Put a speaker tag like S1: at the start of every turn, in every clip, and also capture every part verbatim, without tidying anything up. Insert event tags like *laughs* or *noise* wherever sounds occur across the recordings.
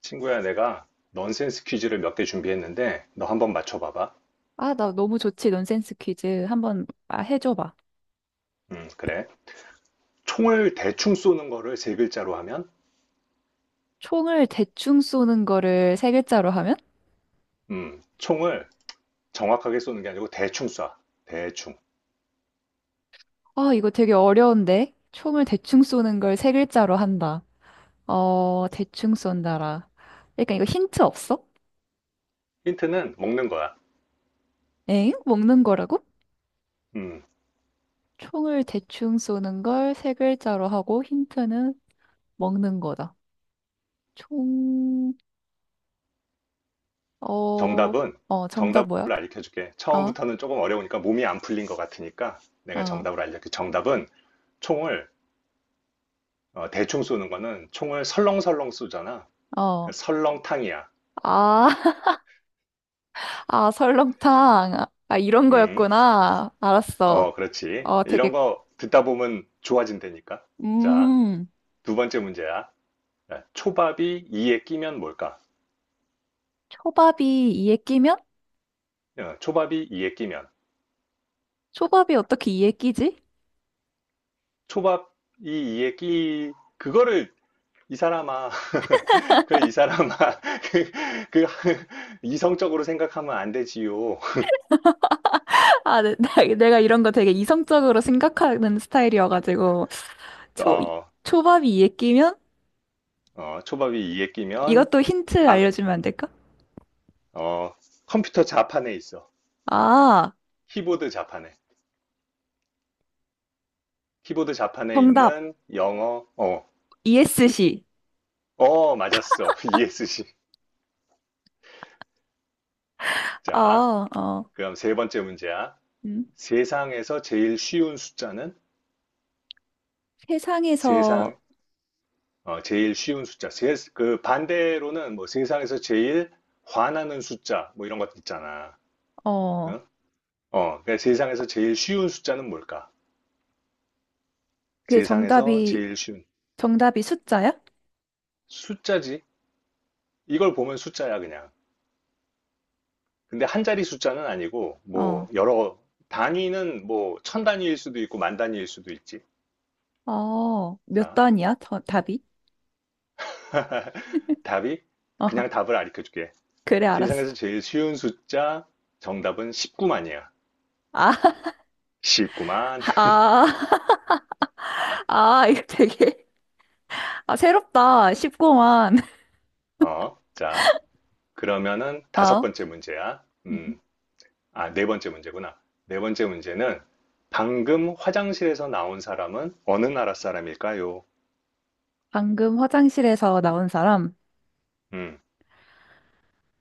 S1: 친구야, 내가 넌센스 퀴즈를 몇 개 준비했는데 너 한번 맞춰봐봐.
S2: 아, 나 너무 좋지. 논센스 퀴즈 한번 아, 해줘봐.
S1: 음, 그래. 총을 대충 쏘는 거를 세 글자로 하면?
S2: 총을 대충 쏘는 거를 세 글자로 하면?
S1: 음, 총을 정확하게 쏘는 게 아니고 대충 쏴. 대충.
S2: 아, 이거 되게 어려운데. 총을 대충 쏘는 걸 세 글자로 한다. 어, 대충 쏜다라. 그러니까 이거 힌트 없어?
S1: 힌트는 먹는 거야.
S2: 엥? 먹는 거라고?
S1: 음,
S2: 총을 대충 쏘는 걸 세 글자로 하고 힌트는 먹는 거다. 총, 어,
S1: 정답은
S2: 어, 정답
S1: 정답을
S2: 뭐야?
S1: 알려줄게.
S2: 어,
S1: 처음부터는 조금 어려우니까 몸이 안 풀린 것 같으니까 내가
S2: 어,
S1: 정답을 알려줄게. 정답은 총을 어, 대충 쏘는 거는 총을 설렁설렁 쏘잖아. 그러니까
S2: 어.
S1: 설렁탕이야.
S2: 아, *laughs* 아, 설렁탕. 아, 이런
S1: 음,
S2: 거였구나. 알았어.
S1: 어, 그렇지.
S2: 어,
S1: 이런
S2: 되게,
S1: 거 듣다 보면 좋아진다니까. 자,
S2: 음,
S1: 두 번째 문제야. 야, 초밥이 이에 끼면 뭘까?
S2: 초밥이 이에 끼면?
S1: 어, 초밥이 이에 끼면.
S2: 초밥이 어떻게 이에 끼지?
S1: 초밥이 이에 끼, 그거를 이 사람아, *laughs* 그 이 사람아, *laughs* 그, 그 이성적으로 생각하면 안 되지요.
S2: *laughs* 아, 내, 나- 내가 이런 거 되게 이성적으로 생각하는 스타일이어가지고, 초,
S1: 어,
S2: 초밥이 이에 끼면?
S1: 어, 초밥이 이에 끼면,
S2: 이것도 힌트
S1: 아,
S2: 알려주면 안 될까?
S1: 어, 컴퓨터 자판에 있어.
S2: 아,
S1: 키보드 자판에. 키보드 자판에
S2: 정답.
S1: 있는 영어, 어,
S2: 이에스씨.
S1: 어, 맞았어. *laughs* 이에스씨. 자,
S2: 아, 어,
S1: 그럼 세 번째 문제야.
S2: 음.
S1: 세상에서 제일 쉬운 숫자는 세상,
S2: 세상에서,
S1: 어, 제일 쉬운 숫자. 세- 그 반대로는 뭐 세상에서 제일 화나는 숫자, 뭐 이런 것도 있잖아.
S2: 어,
S1: 응? 어, 어 그러니까 세상에서 제일 쉬운 숫자는 뭘까?
S2: 그
S1: 세상에서
S2: 정답이,
S1: 제일 쉬운
S2: 정답이 숫자야?
S1: 숫자지. 이걸 보면 숫자야, 그냥. 근데 한 자리 숫자는 아니고, 뭐,
S2: 어.
S1: 여러, 단위는 뭐, 천 단위일 수도 있고, 만 단위일 수도 있지.
S2: 어, 몇
S1: 자,
S2: 단이야? 더- 답이?
S1: *laughs* 답이,
S2: 어,
S1: 그냥 답을 가르쳐 줄게.
S2: 그래, 알았어.
S1: 세상에서 제일 쉬운 숫자 정답은 십구만이야.
S2: 아, *laughs*
S1: 십구만.
S2: 아, *laughs* 아, 이거 되게, 아, 새롭다. 쉽구만.
S1: *laughs* 어, 자, 그러면은 다섯
S2: 어?
S1: 번째 문제야. 음,
S2: 음.
S1: 아, 네 번째 문제구나. 네 번째 문제는 방금 화장실에서 나온 사람은 어느 나라 사람일까요?
S2: 방금 화장실에서 나온 사람.
S1: 음,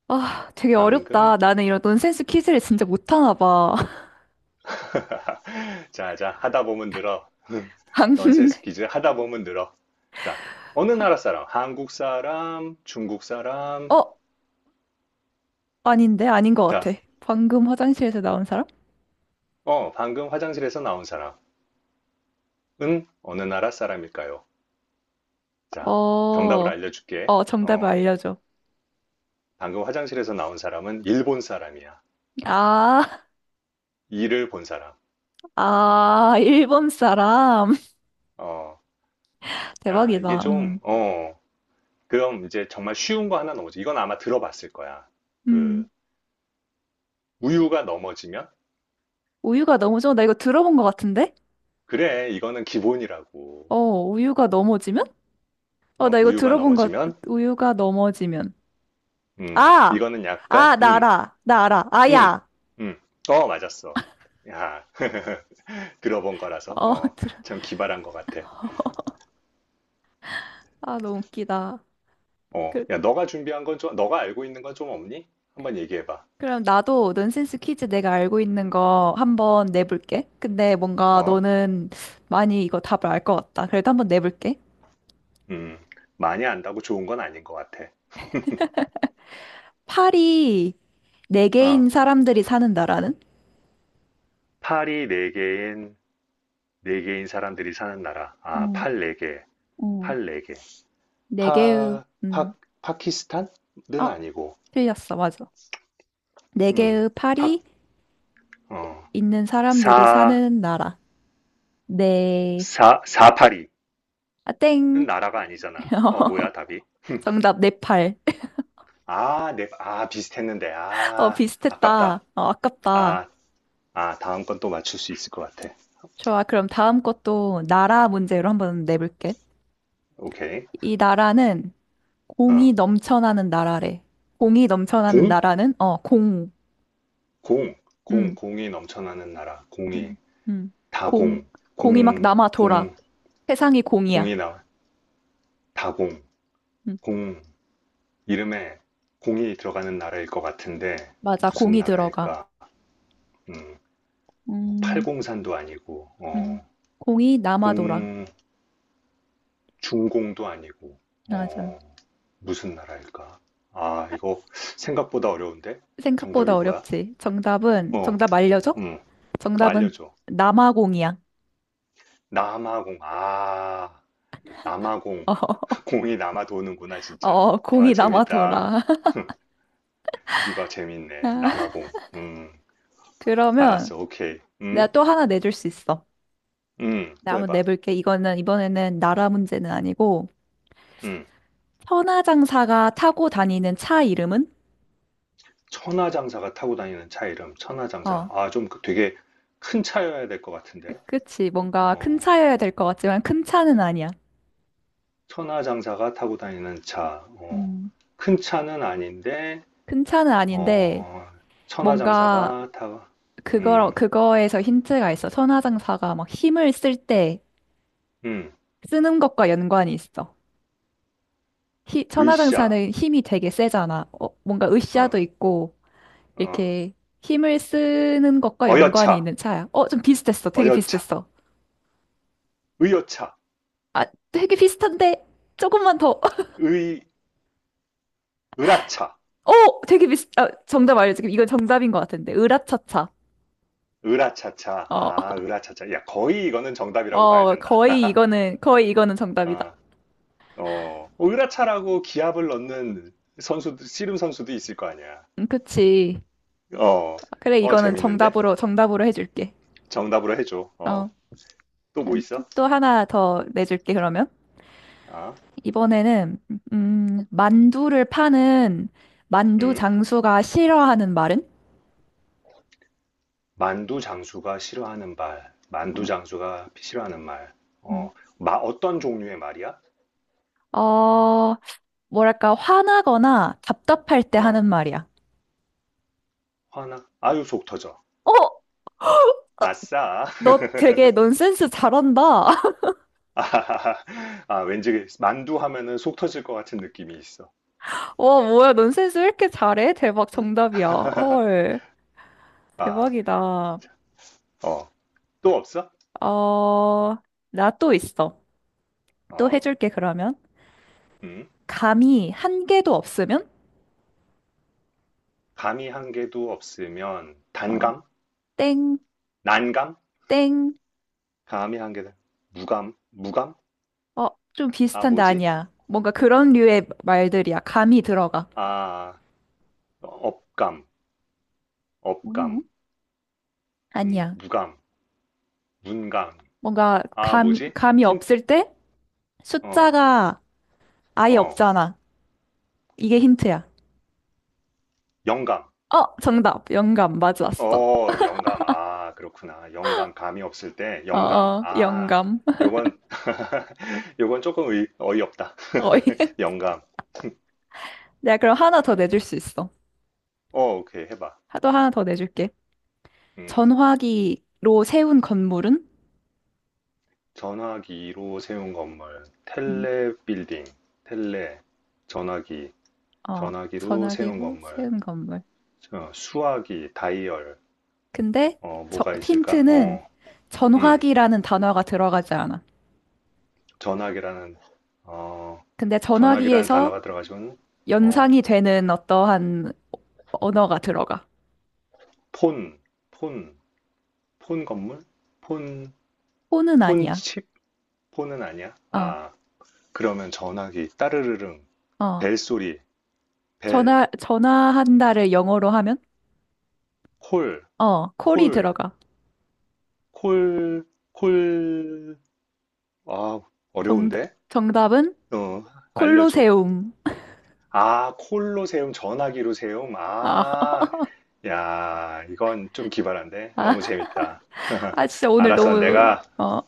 S2: 아, 되게
S1: 방금.
S2: 어렵다. 나는 이런 논센스 퀴즈를 진짜 못하나 봐. *laughs*
S1: *laughs* 자, 자, 하다 보면 늘어.
S2: 방금,
S1: 넌센스 퀴즈 하다 보면 늘어. 자, 어느
S2: 방-
S1: 나라 사람? 한국 사람, 중국 사람.
S2: 어? 아닌데? 아닌 것
S1: 자,
S2: 같아. 방금 화장실에서 나온 사람?
S1: 어, 방금 화장실에서 나온 사람은 어느 나라 사람일까요? 자,
S2: 어,
S1: 정답을 알려줄게.
S2: 어, 정답을
S1: 어,
S2: 알려줘.
S1: 방금 화장실에서 나온 사람은 일본 사람이야.
S2: 아,
S1: 이를 본 사람.
S2: 아, 일본 사람.
S1: 어,
S2: *laughs*
S1: 야,
S2: 대박이다.
S1: 이게 좀,
S2: 음,
S1: 어, 그럼 이제 정말 쉬운 거 하나 넘어지. 이건 아마 들어봤을 거야. 그,
S2: 음.
S1: 우유가 넘어지면?
S2: 우유가 넘어져? 나 이거 들어본 것 같은데?
S1: 그래, 이거는 기본이라고.
S2: 어, 우유가 넘어지면? 어,
S1: 어,
S2: 나 이거
S1: 우유가
S2: 들어본 것,
S1: 넘어지면?
S2: 우유가 넘어지면.
S1: 음,
S2: 아!
S1: 이거는 약간,
S2: 아, 나
S1: 음,
S2: 알아. 나 알아.
S1: 음,
S2: 아야!
S1: 음. 어, 맞았어. 야, *laughs* 들어본 거라서,
S2: 어,
S1: 어,
S2: *laughs* 들어.
S1: 참 기발한 것 같아.
S2: 아, 너무 웃기다.
S1: 어,
S2: 그,
S1: 야, 너가 준비한 건 좀, 너가 알고 있는 건 좀 없니? 한번 얘기해봐.
S2: 그럼 나도 넌센스 퀴즈 내가 알고 있는 거 한번 내볼게. 근데 뭔가
S1: 어?
S2: 너는 많이 이거 답을 알 것 같다. 그래도 한번 내볼게.
S1: 음, 많이 안다고 좋은 건 아닌 것 같아.
S2: 팔이 네
S1: 어,
S2: 개인 사람들이 사는 나라는?
S1: 팔이 네개인네개인 사람들이 사는 나라. 아,
S2: 음,
S1: 팔 네개팔
S2: 음.
S1: 네개
S2: 네 개의,
S1: 파, 파,
S2: 음,
S1: 파키스탄은
S2: 어,
S1: 아니고,
S2: 틀렸어. 맞아. 네
S1: 음,
S2: 개의
S1: 파,
S2: 팔이
S1: 어,
S2: 있는 사람들이
S1: 사,
S2: 사는 나라. 네.
S1: 사, 사파리는
S2: 아, 땡.
S1: 나라가 아니잖아. 어, 뭐야,
S2: *laughs*
S1: 답이?
S2: 정답, 네팔.
S1: 아, 네, 아, 비슷했는데.
S2: *laughs* 어,
S1: 아,
S2: 비슷했다.
S1: 아깝다.
S2: 어, 아깝다.
S1: 아, 아, 다음 건 또 맞출 수 있을 것 같아.
S2: 좋아. 그럼 다음 것도 나라 문제로 한번 내볼게.
S1: 오케이.
S2: 이 나라는
S1: 어,
S2: 공이 넘쳐나는 나라래. 공이 넘쳐나는
S1: 공?
S2: 나라는, 어, 공.
S1: 공, 공,
S2: 음,
S1: 공이 넘쳐나는 나라. 공이
S2: 음, 음. 공.
S1: 다공,
S2: 공이 막
S1: 공,
S2: 남아 돌아.
S1: 공,
S2: 세상이 공이야.
S1: 공이 나 다공,
S2: 음,
S1: 공 이름에 공이 들어가는 나라일 것 같은데
S2: 맞아.
S1: 무슨
S2: 공이 들어가.
S1: 나라일까? 음, 뭐
S2: 음,
S1: 팔공산도 아니고
S2: 음.
S1: 어,
S2: 공이 남아 돌아.
S1: 공 중공도 아니고
S2: 맞아.
S1: 어, 무슨 나라일까? 아, 이거 생각보다 어려운데? 정답이
S2: 생각보다
S1: 뭐야?
S2: 어렵지. 정답은,
S1: 어,
S2: 정답 알려줘?
S1: 음,
S2: 정답은
S1: 알려줘.
S2: 남아공이야.
S1: 남아공. 아, 남아공.
S2: *laughs*
S1: *laughs* 공이 남아 도는구나,
S2: 어,
S1: 진짜.
S2: 어,
S1: 와,
S2: 공이
S1: 재밌다.
S2: 남아돌아.
S1: 이거 재밌네.
S2: *laughs*
S1: 남아공. 음,
S2: 그러면
S1: 알았어. 오케이.
S2: 내가
S1: 음,
S2: 또 하나 내줄 수 있어.
S1: 음,
S2: 내가
S1: 또
S2: 한번
S1: 해봐.
S2: 내볼게. 이거는 이번에는 나라 문제는 아니고
S1: 음,
S2: 천하장사가 타고 다니는 차 이름은?
S1: 천하장사가 타고 다니는 차 이름. 천하장사.
S2: 어,
S1: 아, 좀그 되게 큰 차여야 될 것 같은데.
S2: 그치. 뭔가 큰
S1: 어,
S2: 차여야 될 것 같지만 큰 차는 아니야.
S1: 천하장사가 타고 다니는 차. 어,
S2: 음,
S1: 큰 차는 아닌데,
S2: 큰 차는 아닌데
S1: 어,
S2: 뭔가
S1: 천하장사가 타,
S2: 그거
S1: 음,
S2: 그거에서 힌트가 있어. 선화장사가 막 힘을 쓸 때
S1: 음,
S2: 쓰는 것과 연관이 있어. 히,
S1: 으쌰.
S2: 천하장사는 힘이 되게 세잖아. 어, 뭔가 으쌰도
S1: 어,
S2: 있고,
S1: 어,
S2: 이렇게 힘을 쓰는 것과 연관이
S1: 어여차.
S2: 있는 차야. 어, 좀 비슷했어. 되게
S1: 어여차.
S2: 비슷했어.
S1: 의여차.
S2: 아, 되게 비슷한데, 조금만 더. *laughs*
S1: 의, 으라차.
S2: 어, 되게 비슷, 아, 정답 알려줄게. 이건 정답인 것 같은데. 으라차차.
S1: 으라차차.
S2: 어,
S1: 아, 으라차차. 야, 거의 이거는 정답이라고 봐야
S2: 어,
S1: 된다.
S2: 거의 이거는, 거의 이거는 정답이다.
S1: 아, 어, 어, 으라차라고 기합을 넣는 선수, 씨름 선수도 있을 거 아니야.
S2: 음, 그치.
S1: 어,
S2: 그래,
S1: 어,
S2: 이거는
S1: 재밌는데?
S2: 정답으로, 정답으로 해줄게.
S1: 정답으로 해줘. 어,
S2: 어,
S1: 또 뭐 있어?
S2: 또 하나 더 내줄게, 그러면.
S1: 아,
S2: 이번에는 음, 만두를 파는 만두
S1: 음,
S2: 장수가 싫어하는 말은?
S1: 만두 장수가 싫어하는 말. 만두
S2: 어,
S1: 장수가 싫어하는 말.
S2: 음.
S1: 어, 마, 어떤 종류의 말이야?
S2: 어, 뭐랄까 화나거나 답답할 때
S1: 어,
S2: 하는 말이야.
S1: 화나? 아유, 속 터져.
S2: 어,
S1: 아싸.
S2: 너
S1: *laughs*
S2: 되게 논센스 잘한다. *laughs*
S1: 아, *laughs* 아, 왠지 만두 하면은 속 터질 것 같은 느낌이 있어.
S2: 와, 뭐야, 논센스 왜 이렇게 잘해? 대박 정답이야.
S1: *laughs*
S2: 헐,
S1: 아,
S2: 대박이다.
S1: 어, 또 없어?
S2: 어, 나 또 있어. 또
S1: 어,
S2: 해줄게 그러면.
S1: 음,
S2: 감이 한 개도 없으면?
S1: 감이 한 개도 없으면
S2: 어,
S1: 단감?
S2: 땡,
S1: 난감?
S2: 땡.
S1: 감이 한 개, 무감? 무감?
S2: 어, 좀
S1: 아,
S2: 비슷한데
S1: 뭐지?
S2: 아니야. 뭔가 그런 류의 말들이야. 감이 들어가.
S1: 아, 업감, 업감,
S2: 음.
S1: 음,
S2: 아니야.
S1: 무감, 문감.
S2: 뭔가
S1: 아,
S2: 감,
S1: 뭐지?
S2: 감이
S1: 힌,
S2: 없을 때
S1: 어,
S2: 숫자가 아예
S1: 어,
S2: 없잖아. 이게 힌트야.
S1: 영감.
S2: 어, 정답. 영감. 맞았어.
S1: 어, 영감. 아, 그렇구나. 영감, 감이 없을 때,
S2: 어,
S1: 영감.
S2: 어,
S1: 아,
S2: 영감. *laughs*
S1: 요건, *laughs* 요건 조금 의, 어이없다.
S2: 어이.
S1: *laughs* 영감.
S2: 내가 그럼 하나 더 내줄 수 있어.
S1: 어, 오케이, 해봐.
S2: 또 하나 더 내줄게.
S1: 음,
S2: 전화기로 세운 건물은?
S1: 전화기로 세운 건물.
S2: 음.
S1: 텔레 빌딩. 텔레. 전화기.
S2: 어,
S1: 전화기로 세운
S2: 전화기로
S1: 건물.
S2: 세운 건물.
S1: 어, 수화기, 다이얼.
S2: 근데
S1: 어,
S2: 저,
S1: 뭐가 있을까?
S2: 힌트는
S1: 어, 음,
S2: 전화기라는 단어가 들어가지 않아.
S1: 전화기라는, 어,
S2: 근데
S1: 전화기라는
S2: 전화기에서
S1: 단어가 들어가지고 어,
S2: 연상이 되는 어떠한 언어가 들어가.
S1: 폰. 폰. 폰 건물? 폰,
S2: 폰은
S1: 폰
S2: 아니야.
S1: 칩? 폰은 아니야?
S2: 어,
S1: 아, 그러면 전화기, 따르르릉,
S2: 어.
S1: 벨소리, 벨,
S2: 전화, 전화한다를 영어로 하면?
S1: 콜,
S2: 어, 콜이
S1: 콜,
S2: 들어가.
S1: 콜, 콜. 아,
S2: 정,
S1: 어려운데?
S2: 정답은
S1: 어, 알려줘.
S2: 콜로세움.
S1: 아, 콜로세움, 전화기로세움.
S2: 아,
S1: 아,
S2: *laughs*
S1: 야, 이건 좀 기발한데?
S2: 아,
S1: 너무 재밌다.
S2: 아, 진짜
S1: *laughs*
S2: 오늘
S1: 알았어,
S2: 너무,
S1: 내가
S2: 어,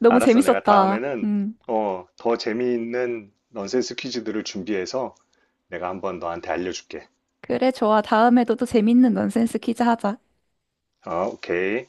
S2: 너무
S1: 알았어. 내가
S2: 재밌었다.
S1: 다음에는
S2: 음.
S1: 어, 더 재미있는 넌센스 퀴즈들을 준비해서 내가 한번 너한테 알려줄게.
S2: 그래, 좋아. 다음에도 또 재밌는 넌센스 퀴즈 하자.
S1: 어, 오케이.